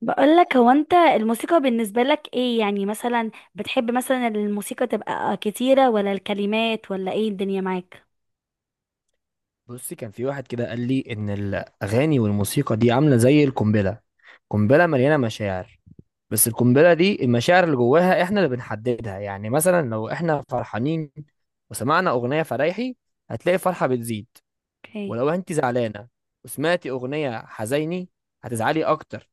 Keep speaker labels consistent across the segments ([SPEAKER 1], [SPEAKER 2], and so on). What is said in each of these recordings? [SPEAKER 1] بقولك، هو انت الموسيقى بالنسبة لك ايه؟ يعني مثلا بتحب مثلا الموسيقى تبقى كتيرة ولا الكلمات، ولا ايه الدنيا معاك؟
[SPEAKER 2] بصي، كان في واحد كده قال لي ان الاغاني والموسيقى دي عامله زي القنبله. قنبله مليانه مشاعر، بس القنبله دي المشاعر اللي جواها احنا اللي بنحددها. يعني مثلا لو احنا فرحانين وسمعنا اغنيه فرايحي، هتلاقي الفرحه بتزيد.
[SPEAKER 1] اوكي.
[SPEAKER 2] ولو انت زعلانه وسمعتي اغنيه حزيني، هتزعلي اكتر.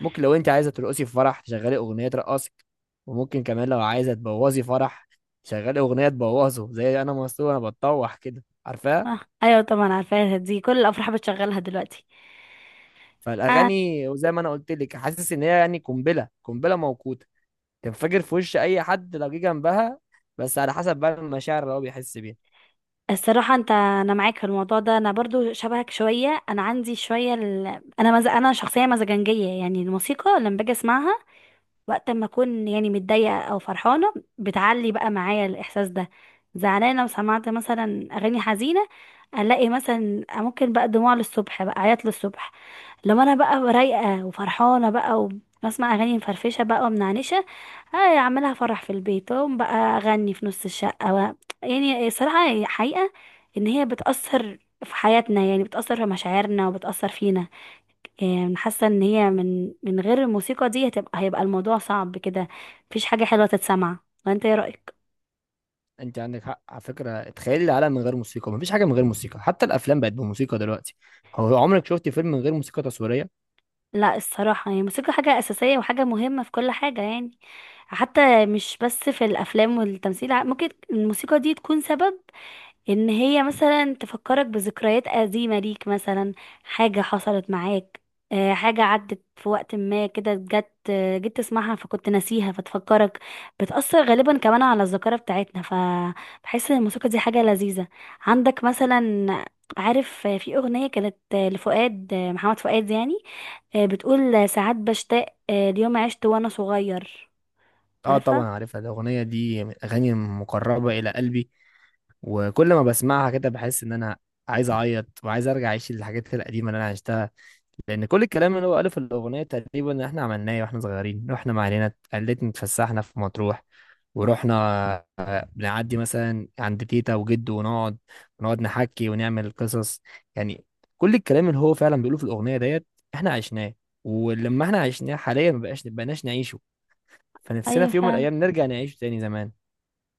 [SPEAKER 2] ممكن لو انت عايزه ترقصي في فرح تشغلي اغنيه ترقصك، وممكن كمان لو عايزه تبوظي فرح تشغلي اغنيه تبوظه، زي انا مسطول انا بتطوح كده، عارفاها.
[SPEAKER 1] اه ايوه طبعا عارفاها، دي كل الافراح بتشغلها دلوقتي. آه.
[SPEAKER 2] فالاغاني وزي ما انا قلت لك، حاسس ان هي يعني قنبله موقوته تنفجر في وش اي حد لو جه جنبها، بس على حسب بقى المشاعر اللي هو بيحس بيها.
[SPEAKER 1] الصراحة انت، انا معاك في الموضوع ده، انا برضو شبهك شوية، انا عندي شوية ال... انا شخصية مزاجنجية، يعني الموسيقى لما باجي اسمعها وقت ما اكون يعني متضايقه او فرحانه بتعلي بقى معايا الاحساس ده. زعلانه وسمعت مثلا اغاني حزينه، الاقي مثلا ممكن بقى دموع للصبح، بقى عياط للصبح. لما انا بقى رايقه وفرحانه بقى وبسمع اغاني مفرفشه بقى ومنعنشه، آه اعملها فرح في البيت واقوم بقى اغني في نص الشقه و... يعني الصراحه حقيقه ان هي بتاثر في حياتنا، يعني بتاثر في مشاعرنا وبتاثر فينا. حاسه ان هي من غير الموسيقى دي هيبقى الموضوع صعب كده، مفيش حاجه حلوه تتسمع. وانت ايه رايك؟
[SPEAKER 2] انت عندك حق على فكره، تخيلي العالم من غير موسيقى، مفيش حاجه من غير موسيقى، حتى الافلام بقت بموسيقى دلوقتي. هو عمرك شفتي فيلم من غير موسيقى تصويريه؟
[SPEAKER 1] لا الصراحه، هي الموسيقى حاجه اساسيه وحاجه مهمه في كل حاجه يعني، حتى مش بس في الافلام والتمثيل. ممكن الموسيقى دي تكون سبب ان هي مثلا تفكرك بذكريات قديمة ليك، مثلا حاجة حصلت معاك. حاجة عدت في وقت ما كده، جت جيت تسمعها فكنت ناسيها فتفكرك. بتأثر غالبا كمان على الذاكرة بتاعتنا، فبحس ان الموسيقى دي حاجة لذيذة. عندك مثلا، عارف في أغنية كانت لفؤاد، محمد فؤاد، يعني بتقول ساعات بشتاق ليوم عشت وأنا صغير.
[SPEAKER 2] اه طبعا
[SPEAKER 1] عارفها؟
[SPEAKER 2] عارفها، الاغنيه دي من الاغاني المقربه الى قلبي، وكل ما بسمعها كده بحس ان انا عايز اعيط وعايز ارجع اعيش الحاجات القديمه اللي انا عشتها. لان كل الكلام اللي هو قاله في الاغنيه تقريبا احنا عملناه واحنا صغيرين. رحنا مع عيلتنا، قلتنا اتفسحنا في مطروح، ورحنا بنعدي مثلا عند تيتا وجد ونقعد، نحكي ونعمل قصص يعني. كل الكلام اللي هو فعلا بيقوله في الاغنيه ديت احنا عشناه، ولما احنا عشناه حاليا ما بقاش بقناش نعيشه، فنفسنا
[SPEAKER 1] ايوه
[SPEAKER 2] في يوم من
[SPEAKER 1] فعلا.
[SPEAKER 2] الايام نرجع نعيشه تاني زمان.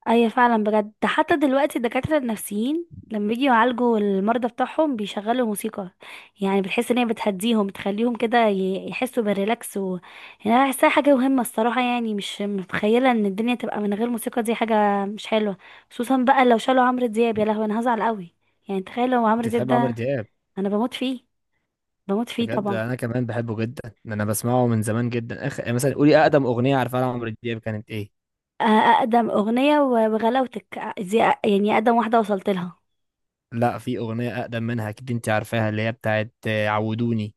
[SPEAKER 1] ايوه فعلا، بجد ده حتى دلوقتي الدكاترة النفسيين لما بيجوا يعالجوا المرضى بتاعهم بيشغلوا موسيقى، يعني بتحس ان هي بتهديهم، بتخليهم كده يحسوا بالريلاكس و... يعني انا بحسها حاجة مهمة الصراحة، يعني مش متخيلة ان الدنيا تبقى من غير موسيقى، دي حاجة مش حلوة. خصوصا بقى لو شالوا عمرو دياب، يا لهوي انا هزعل قوي. يعني تخيل لو عمرو
[SPEAKER 2] انت
[SPEAKER 1] دياب
[SPEAKER 2] تحب عمرو
[SPEAKER 1] ده،
[SPEAKER 2] دياب؟
[SPEAKER 1] انا بموت فيه، بموت فيه
[SPEAKER 2] بجد
[SPEAKER 1] طبعا.
[SPEAKER 2] انا كمان بحبه جدا، انا بسمعه من زمان جدا. اخ، يعني مثلا قولي اقدم اغنيه عارفها لعمرو دياب كانت ايه؟
[SPEAKER 1] اقدم اغنية وغلاوتك، دي يعني اقدم واحدة وصلت لها.
[SPEAKER 2] لا، في أغنية أقدم منها أكيد، أنت عارفاها اللي هي بتاعت عودوني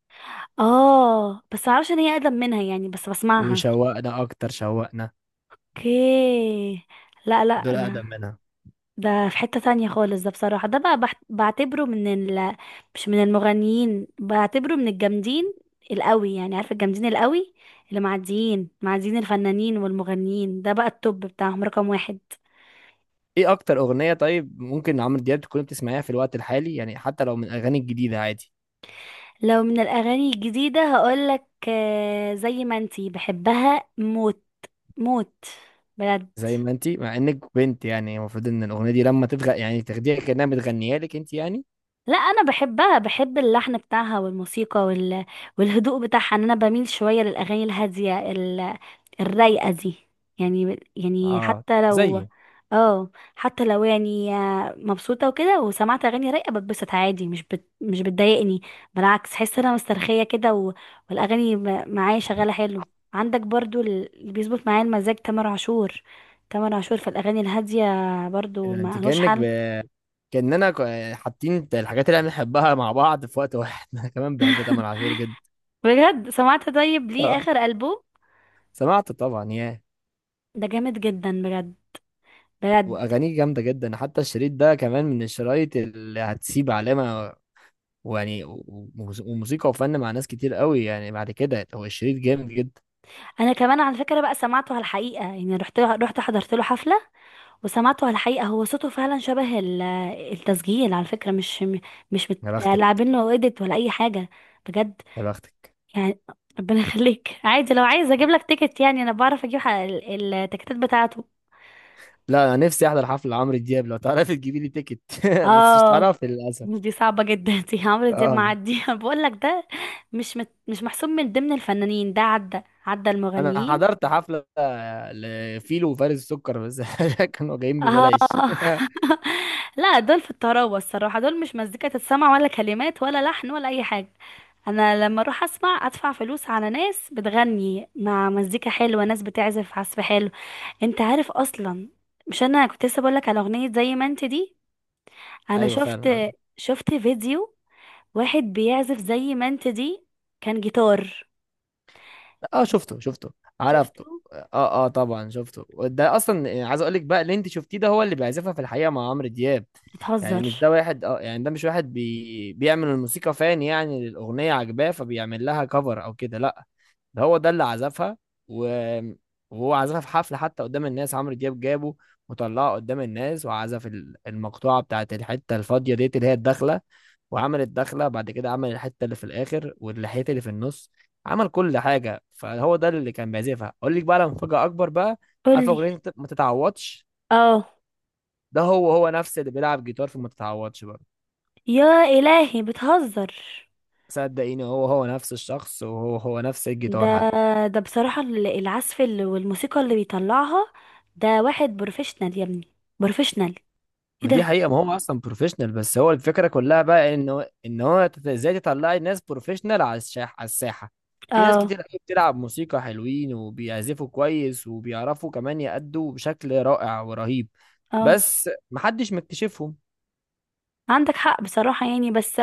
[SPEAKER 1] اه بس معرفش ان هي اقدم منها، يعني بس بسمعها.
[SPEAKER 2] وشوقنا أكتر شوقنا.
[SPEAKER 1] اوكي. لا لا
[SPEAKER 2] دول
[SPEAKER 1] لا،
[SPEAKER 2] أقدم منها.
[SPEAKER 1] ده في حتة تانية خالص، ده بصراحة ده بقى بعتبره من ال، مش من المغنيين، بعتبره من الجامدين القوي، يعني عارف الجامدين القوي؟ اللي معديين معديين الفنانين والمغنيين، ده بقى التوب بتاعهم رقم واحد.
[SPEAKER 2] إيه أكتر أغنية طيب ممكن عمرو دياب تكون بتسمعيها في الوقت الحالي؟ يعني حتى لو من الأغاني الجديدة عادي.
[SPEAKER 1] لو من الأغاني الجديدة هقولك زي ما انتي، بحبها موت، موت، بجد.
[SPEAKER 2] زي ما أنت، مع إنك بنت يعني، المفروض إن الأغنية دي لما يعني تاخديها كأنها متغنية لك أنت يعني.
[SPEAKER 1] لا انا بحبها، بحب اللحن بتاعها والموسيقى وال... والهدوء بتاعها، ان انا بميل شويه للاغاني الهاديه ال... الرايقه دي. يعني يعني
[SPEAKER 2] اه
[SPEAKER 1] حتى لو
[SPEAKER 2] زي،
[SPEAKER 1] اه حتى لو يعني مبسوطه وكده وسمعت اغاني رايقه بتبسط عادي، مش بت... مش بتضايقني، بالعكس احس ان انا مسترخيه كده و... والاغاني معايا شغاله حلو. عندك برضو اللي بيظبط معايا المزاج تامر عاشور. تامر عاشور في الاغاني الهاديه برضو
[SPEAKER 2] يعني أنت
[SPEAKER 1] ما لهوش
[SPEAKER 2] كأنك
[SPEAKER 1] حل.
[SPEAKER 2] كأننا حاطين الحاجات اللي إحنا بنحبها مع بعض في وقت واحد أنا كمان بحب تامر عاشور جدا.
[SPEAKER 1] بجد سمعت؟ طيب
[SPEAKER 2] آه.
[SPEAKER 1] ليه اخر ألبوم
[SPEAKER 2] سمعت طبعا، ياه،
[SPEAKER 1] ده جامد جدا، بجد بجد.
[SPEAKER 2] واغانيه جامده جدا، حتى الشريط ده كمان من الشرايط اللي هتسيب علامه. ويعني وموسيقى وفن مع ناس كتير قوي يعني، بعد كده هو الشريط جامد جدا.
[SPEAKER 1] انا كمان على فكره بقى سمعته على الحقيقه، يعني رحت حضرت له حفله وسمعته على الحقيقه، هو صوته فعلا شبه ال... التسجيل، على فكره مش
[SPEAKER 2] يا بختك،
[SPEAKER 1] متلاعبين له ايديت ولا اي حاجه. بجد،
[SPEAKER 2] يا بختك.
[SPEAKER 1] يعني ربنا يخليك، عادي لو عايز اجيب لك تيكت، يعني انا بعرف اجيب التيكتات بتاعته.
[SPEAKER 2] لا انا نفسي احضر حفله عمرو دياب لو تعرفي تجيبي لي تيكت بس مش
[SPEAKER 1] اه
[SPEAKER 2] هتعرفي للاسف.
[SPEAKER 1] دي صعبه جدا دي عمرو دياب،
[SPEAKER 2] اه،
[SPEAKER 1] معدي بقول لك ده مش محسوب من ضمن الفنانين، ده عدى عدى
[SPEAKER 2] انا
[SPEAKER 1] المغنيين.
[SPEAKER 2] حضرت حفله لفيلو وفارس السكر بس كانوا جايين
[SPEAKER 1] اه
[SPEAKER 2] ببلاش.
[SPEAKER 1] لا دول في الطراوة الصراحة، دول مش مزيكا تتسمع ولا كلمات ولا لحن ولا أي حاجة. أنا لما أروح أسمع أدفع فلوس على ناس بتغني مع مزيكا حلوة، ناس بتعزف عزف حلو. أنت عارف أصلا، مش أنا كنت لسه بقولك على أغنية زي ما أنت دي؟ أنا
[SPEAKER 2] ايوه
[SPEAKER 1] شفت،
[SPEAKER 2] فعلا.
[SPEAKER 1] شفت فيديو، واحد بيعزف زي ما أنت دي، كان جيتار.
[SPEAKER 2] اه شفته، شفته
[SPEAKER 1] شفته.
[SPEAKER 2] عرفته. اه، اه طبعا شفته. ده اصلا يعني عايز اقول لك بقى، اللي انت شفتيه ده هو اللي بيعزفها في الحقيقه مع عمرو دياب. يعني
[SPEAKER 1] بتهزر!
[SPEAKER 2] مش ده واحد، اه يعني ده مش واحد بيعمل الموسيقى فان يعني للاغنيه عجباه فبيعمل لها كفر او كده، لا. ده هو ده اللي عزفها و... وهو عزفها في حفلة حتى قدام الناس. عمرو دياب جابه وطلعه قدام الناس، وعزف المقطوعة بتاعت الحتة الفاضية ديت اللي هي الدخلة، وعمل الدخلة، بعد كده عمل الحتة اللي في الآخر واللحية اللي في النص. عمل كل حاجة. فهو ده اللي كان بيعزفها. أقول لك بقى على مفاجأة أكبر بقى. عارف
[SPEAKER 1] قولي.
[SPEAKER 2] أغنية ما تتعوضش؟
[SPEAKER 1] اه،
[SPEAKER 2] ده هو، هو نفس اللي بيلعب جيتار في ما تتعوضش برضه.
[SPEAKER 1] يا إلهي بتهزر!
[SPEAKER 2] صدقيني، هو هو نفس الشخص، وهو هو نفس
[SPEAKER 1] ده
[SPEAKER 2] الجيتار حتى.
[SPEAKER 1] ده بصراحة ال- العزف ال- والموسيقى اللي بيطلعها، ده واحد بروفيشنال يا ابني، بروفيشنال. ايه
[SPEAKER 2] ما دي
[SPEAKER 1] ده!
[SPEAKER 2] حقيقة، ما هو أصلا بروفيشنال، بس هو الفكرة كلها بقى إنه، إن هو إزاي تطلعي ناس بروفيشنال على على الساحة. في ناس
[SPEAKER 1] اه
[SPEAKER 2] كتير قوي بتلعب موسيقى حلوين وبيعزفوا كويس وبيعرفوا كمان يأدوا بشكل رائع ورهيب،
[SPEAKER 1] اه،
[SPEAKER 2] بس محدش مكتشفهم.
[SPEAKER 1] عندك حق بصراحة يعني، بس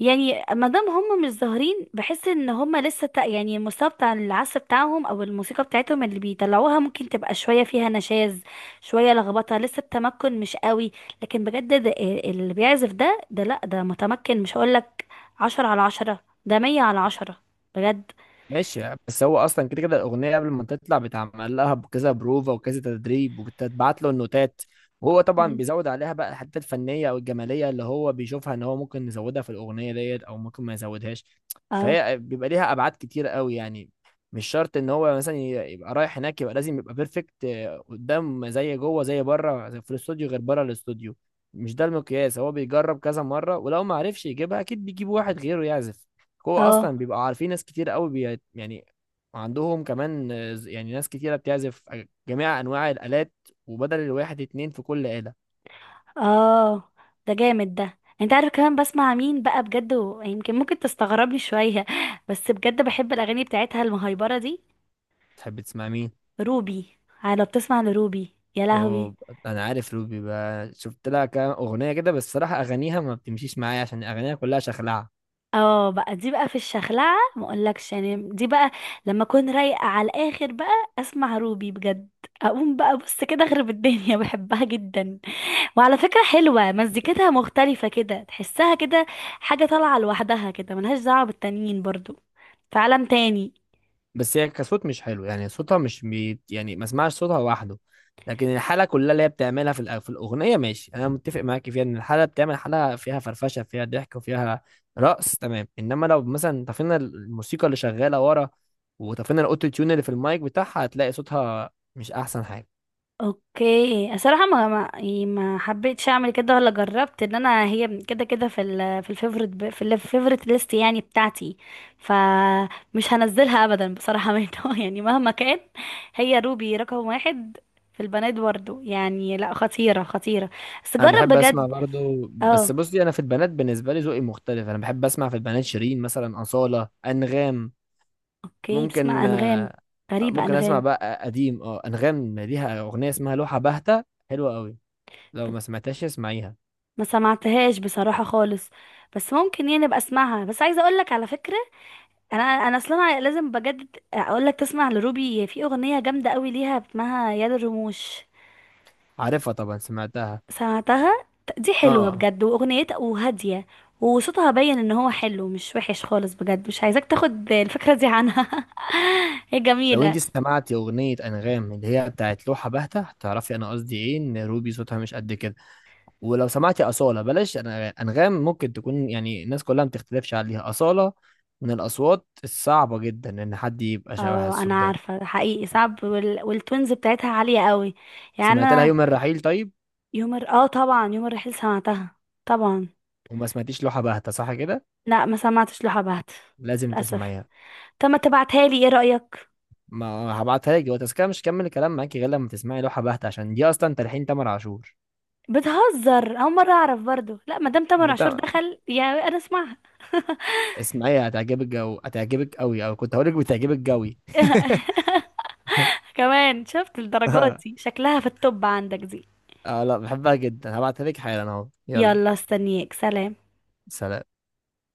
[SPEAKER 1] يعني ما دام هم مش ظاهرين بحس ان هم لسه يعني المستوى بتاع العزف بتاعهم او الموسيقى بتاعتهم اللي بيطلعوها ممكن تبقى شوية فيها نشاز، شوية لخبطة، لسه التمكن مش قوي. لكن بجد ده اللي بيعزف ده لا ده متمكن، مش هقولك عشرة على عشرة، ده مية على عشرة، بجد.
[SPEAKER 2] ماشي، بس هو اصلا كده كده الاغنيه قبل ما تطلع بتعمل لها بكذا بروفا وكذا تدريب، وبتتبعت له النوتات، وهو طبعا
[SPEAKER 1] مم.
[SPEAKER 2] بيزود عليها بقى الحته الفنيه او الجماليه اللي هو بيشوفها ان هو ممكن يزودها في الاغنيه ديت او ممكن ما يزودهاش.
[SPEAKER 1] اه
[SPEAKER 2] فهي بيبقى ليها ابعاد كتير قوي يعني. مش شرط ان هو مثلا يبقى رايح هناك يبقى لازم يبقى بيرفكت قدام، زي جوه زي بره، زي في الاستوديو غير بره الاستوديو. مش ده المقياس، هو بيجرب كذا مره، ولو ما عرفش يجيبها اكيد بيجيب واحد غيره يعزف. هو
[SPEAKER 1] اه
[SPEAKER 2] اصلا بيبقى عارفين ناس كتير قوي بي يعني، عندهم كمان يعني ناس كتيرة بتعزف جميع انواع الالات، وبدل الواحد اتنين في كل آلة.
[SPEAKER 1] اه، ده جامد، ده انت عارف كمان بسمع مين بقى بجد يمكن ممكن تستغربني شوية بس بجد بحب الاغاني بتاعتها المهيبرة دي.
[SPEAKER 2] تحب تسمع مين؟
[SPEAKER 1] روبي. اه، لو بتسمع لروبي، يا لهوي.
[SPEAKER 2] اوه، انا عارف روبي بقى، شفت لها كام اغنية كده، بس الصراحة اغانيها ما بتمشيش معايا عشان اغانيها كلها شخلعة.
[SPEAKER 1] اه بقى، دي بقى في الشخلعة ما اقولكش يعني، دي بقى لما اكون رايقة على الاخر بقى، اسمع روبي بجد، اقوم بقى بص كده اخرب الدنيا بحبها جدا. وعلى فكرة حلوة مزيكتها، مختلفة كده، تحسها كده حاجة طالعة لوحدها كده، ملهاش دعوة بالتانيين برضو، في عالم تاني.
[SPEAKER 2] بس هي كصوت مش حلو، يعني صوتها مش يعني ما اسمعش صوتها لوحده، لكن الحاله كلها اللي هي بتعملها في في الاغنيه ماشي، انا متفق معاك فيها ان الحاله بتعمل حاله فيها فرفشه فيها ضحك وفيها رقص، تمام. انما لو مثلا طفينا الموسيقى اللي شغاله ورا، وطفينا الاوتو تيون اللي في المايك بتاعها، هتلاقي صوتها مش احسن حاجه.
[SPEAKER 1] اوكي الصراحة، ما يعني ما حبيتش اعمل كده ولا جربت ان انا هي كده كده في ال في الفيفوريت ب- في الفيفوريت ليست يعني بتاعتي، فمش هنزلها ابدا بصراحة منه يعني مهما كان، هي روبي رقم واحد في البنات برضو، يعني لا، خطيرة خطيرة، بس
[SPEAKER 2] انا
[SPEAKER 1] جرب
[SPEAKER 2] بحب اسمع
[SPEAKER 1] بجد.
[SPEAKER 2] برضو، بس
[SPEAKER 1] اه.
[SPEAKER 2] بصي، انا في البنات بالنسبه لي ذوقي مختلف. انا بحب اسمع في البنات شيرين مثلا، اصاله، انغام.
[SPEAKER 1] اوكي بتسمع
[SPEAKER 2] ممكن
[SPEAKER 1] انغام؟ غريبة
[SPEAKER 2] ممكن اسمع
[SPEAKER 1] انغام.
[SPEAKER 2] بقى قديم. اه، انغام ليها اغنيه اسمها لوحه باهته، حلوه قوي، لو ما سمعتهاش اسمعيها.
[SPEAKER 1] ما سمعتهاش بصراحة خالص، بس ممكن يعني ابقى اسمعها. بس عايزة اقول لك على فكرة، انا اصلا لازم بجد اقول لك تسمع لروبي في اغنية جامدة قوي ليها اسمها يد الرموش.
[SPEAKER 2] عارفها طبعا، سمعتها.
[SPEAKER 1] سمعتها؟ دي حلوة
[SPEAKER 2] اه،
[SPEAKER 1] بجد، واغنيتها وهادية، وصوتها باين ان هو حلو مش وحش خالص، بجد مش عايزاك تاخد الفكرة دي عنها هي
[SPEAKER 2] لو
[SPEAKER 1] جميلة.
[SPEAKER 2] انت سمعتي اغنيه انغام اللي هي بتاعت لوحه باهته هتعرفي انا قصدي ايه، ان روبي صوتها مش قد كده. ولو سمعتي اصاله بلاش انغام ممكن تكون يعني الناس كلها ما بتختلفش عليها، اصاله من الاصوات الصعبه جدا ان حد يبقى شبهها
[SPEAKER 1] اه
[SPEAKER 2] الصوت
[SPEAKER 1] انا
[SPEAKER 2] ده.
[SPEAKER 1] عارفة حقيقي صعب، وال... والتونز بتاعتها عالية قوي يعني
[SPEAKER 2] سمعت لها
[SPEAKER 1] انا.
[SPEAKER 2] يوم الرحيل طيب؟
[SPEAKER 1] اه طبعا يوم الرحيل سمعتها طبعا.
[SPEAKER 2] وما سمعتيش لوحه باهته صح كده؟
[SPEAKER 1] لا ما سمعتش لحبهت
[SPEAKER 2] لازم
[SPEAKER 1] للاسف.
[SPEAKER 2] تسمعيها.
[SPEAKER 1] طب ما تبعتها لي، ايه رايك؟
[SPEAKER 2] ما هبعتها لك دلوقتي، بس كده مش هكمل الكلام معاكي غير لما تسمعي لوحة بهتة، عشان دي اصلا تلحين تامر عاشور.
[SPEAKER 1] بتهزر، اول مره اعرف برضو. لا ما دام تامر
[SPEAKER 2] ده
[SPEAKER 1] عاشور
[SPEAKER 2] تا-
[SPEAKER 1] دخل، يا انا اسمعها
[SPEAKER 2] اسمعيها هتعجبك، جو هتعجبك قوي، او كنت هقولك بتعجبك قوي
[SPEAKER 1] كمان شفت الدرجات دي شكلها في التوب عندك دي.
[SPEAKER 2] اه، لا بحبها جدا، هبعتها لك حالا اهو، يلا،
[SPEAKER 1] يلا استنيك، سلام.
[SPEAKER 2] سلام.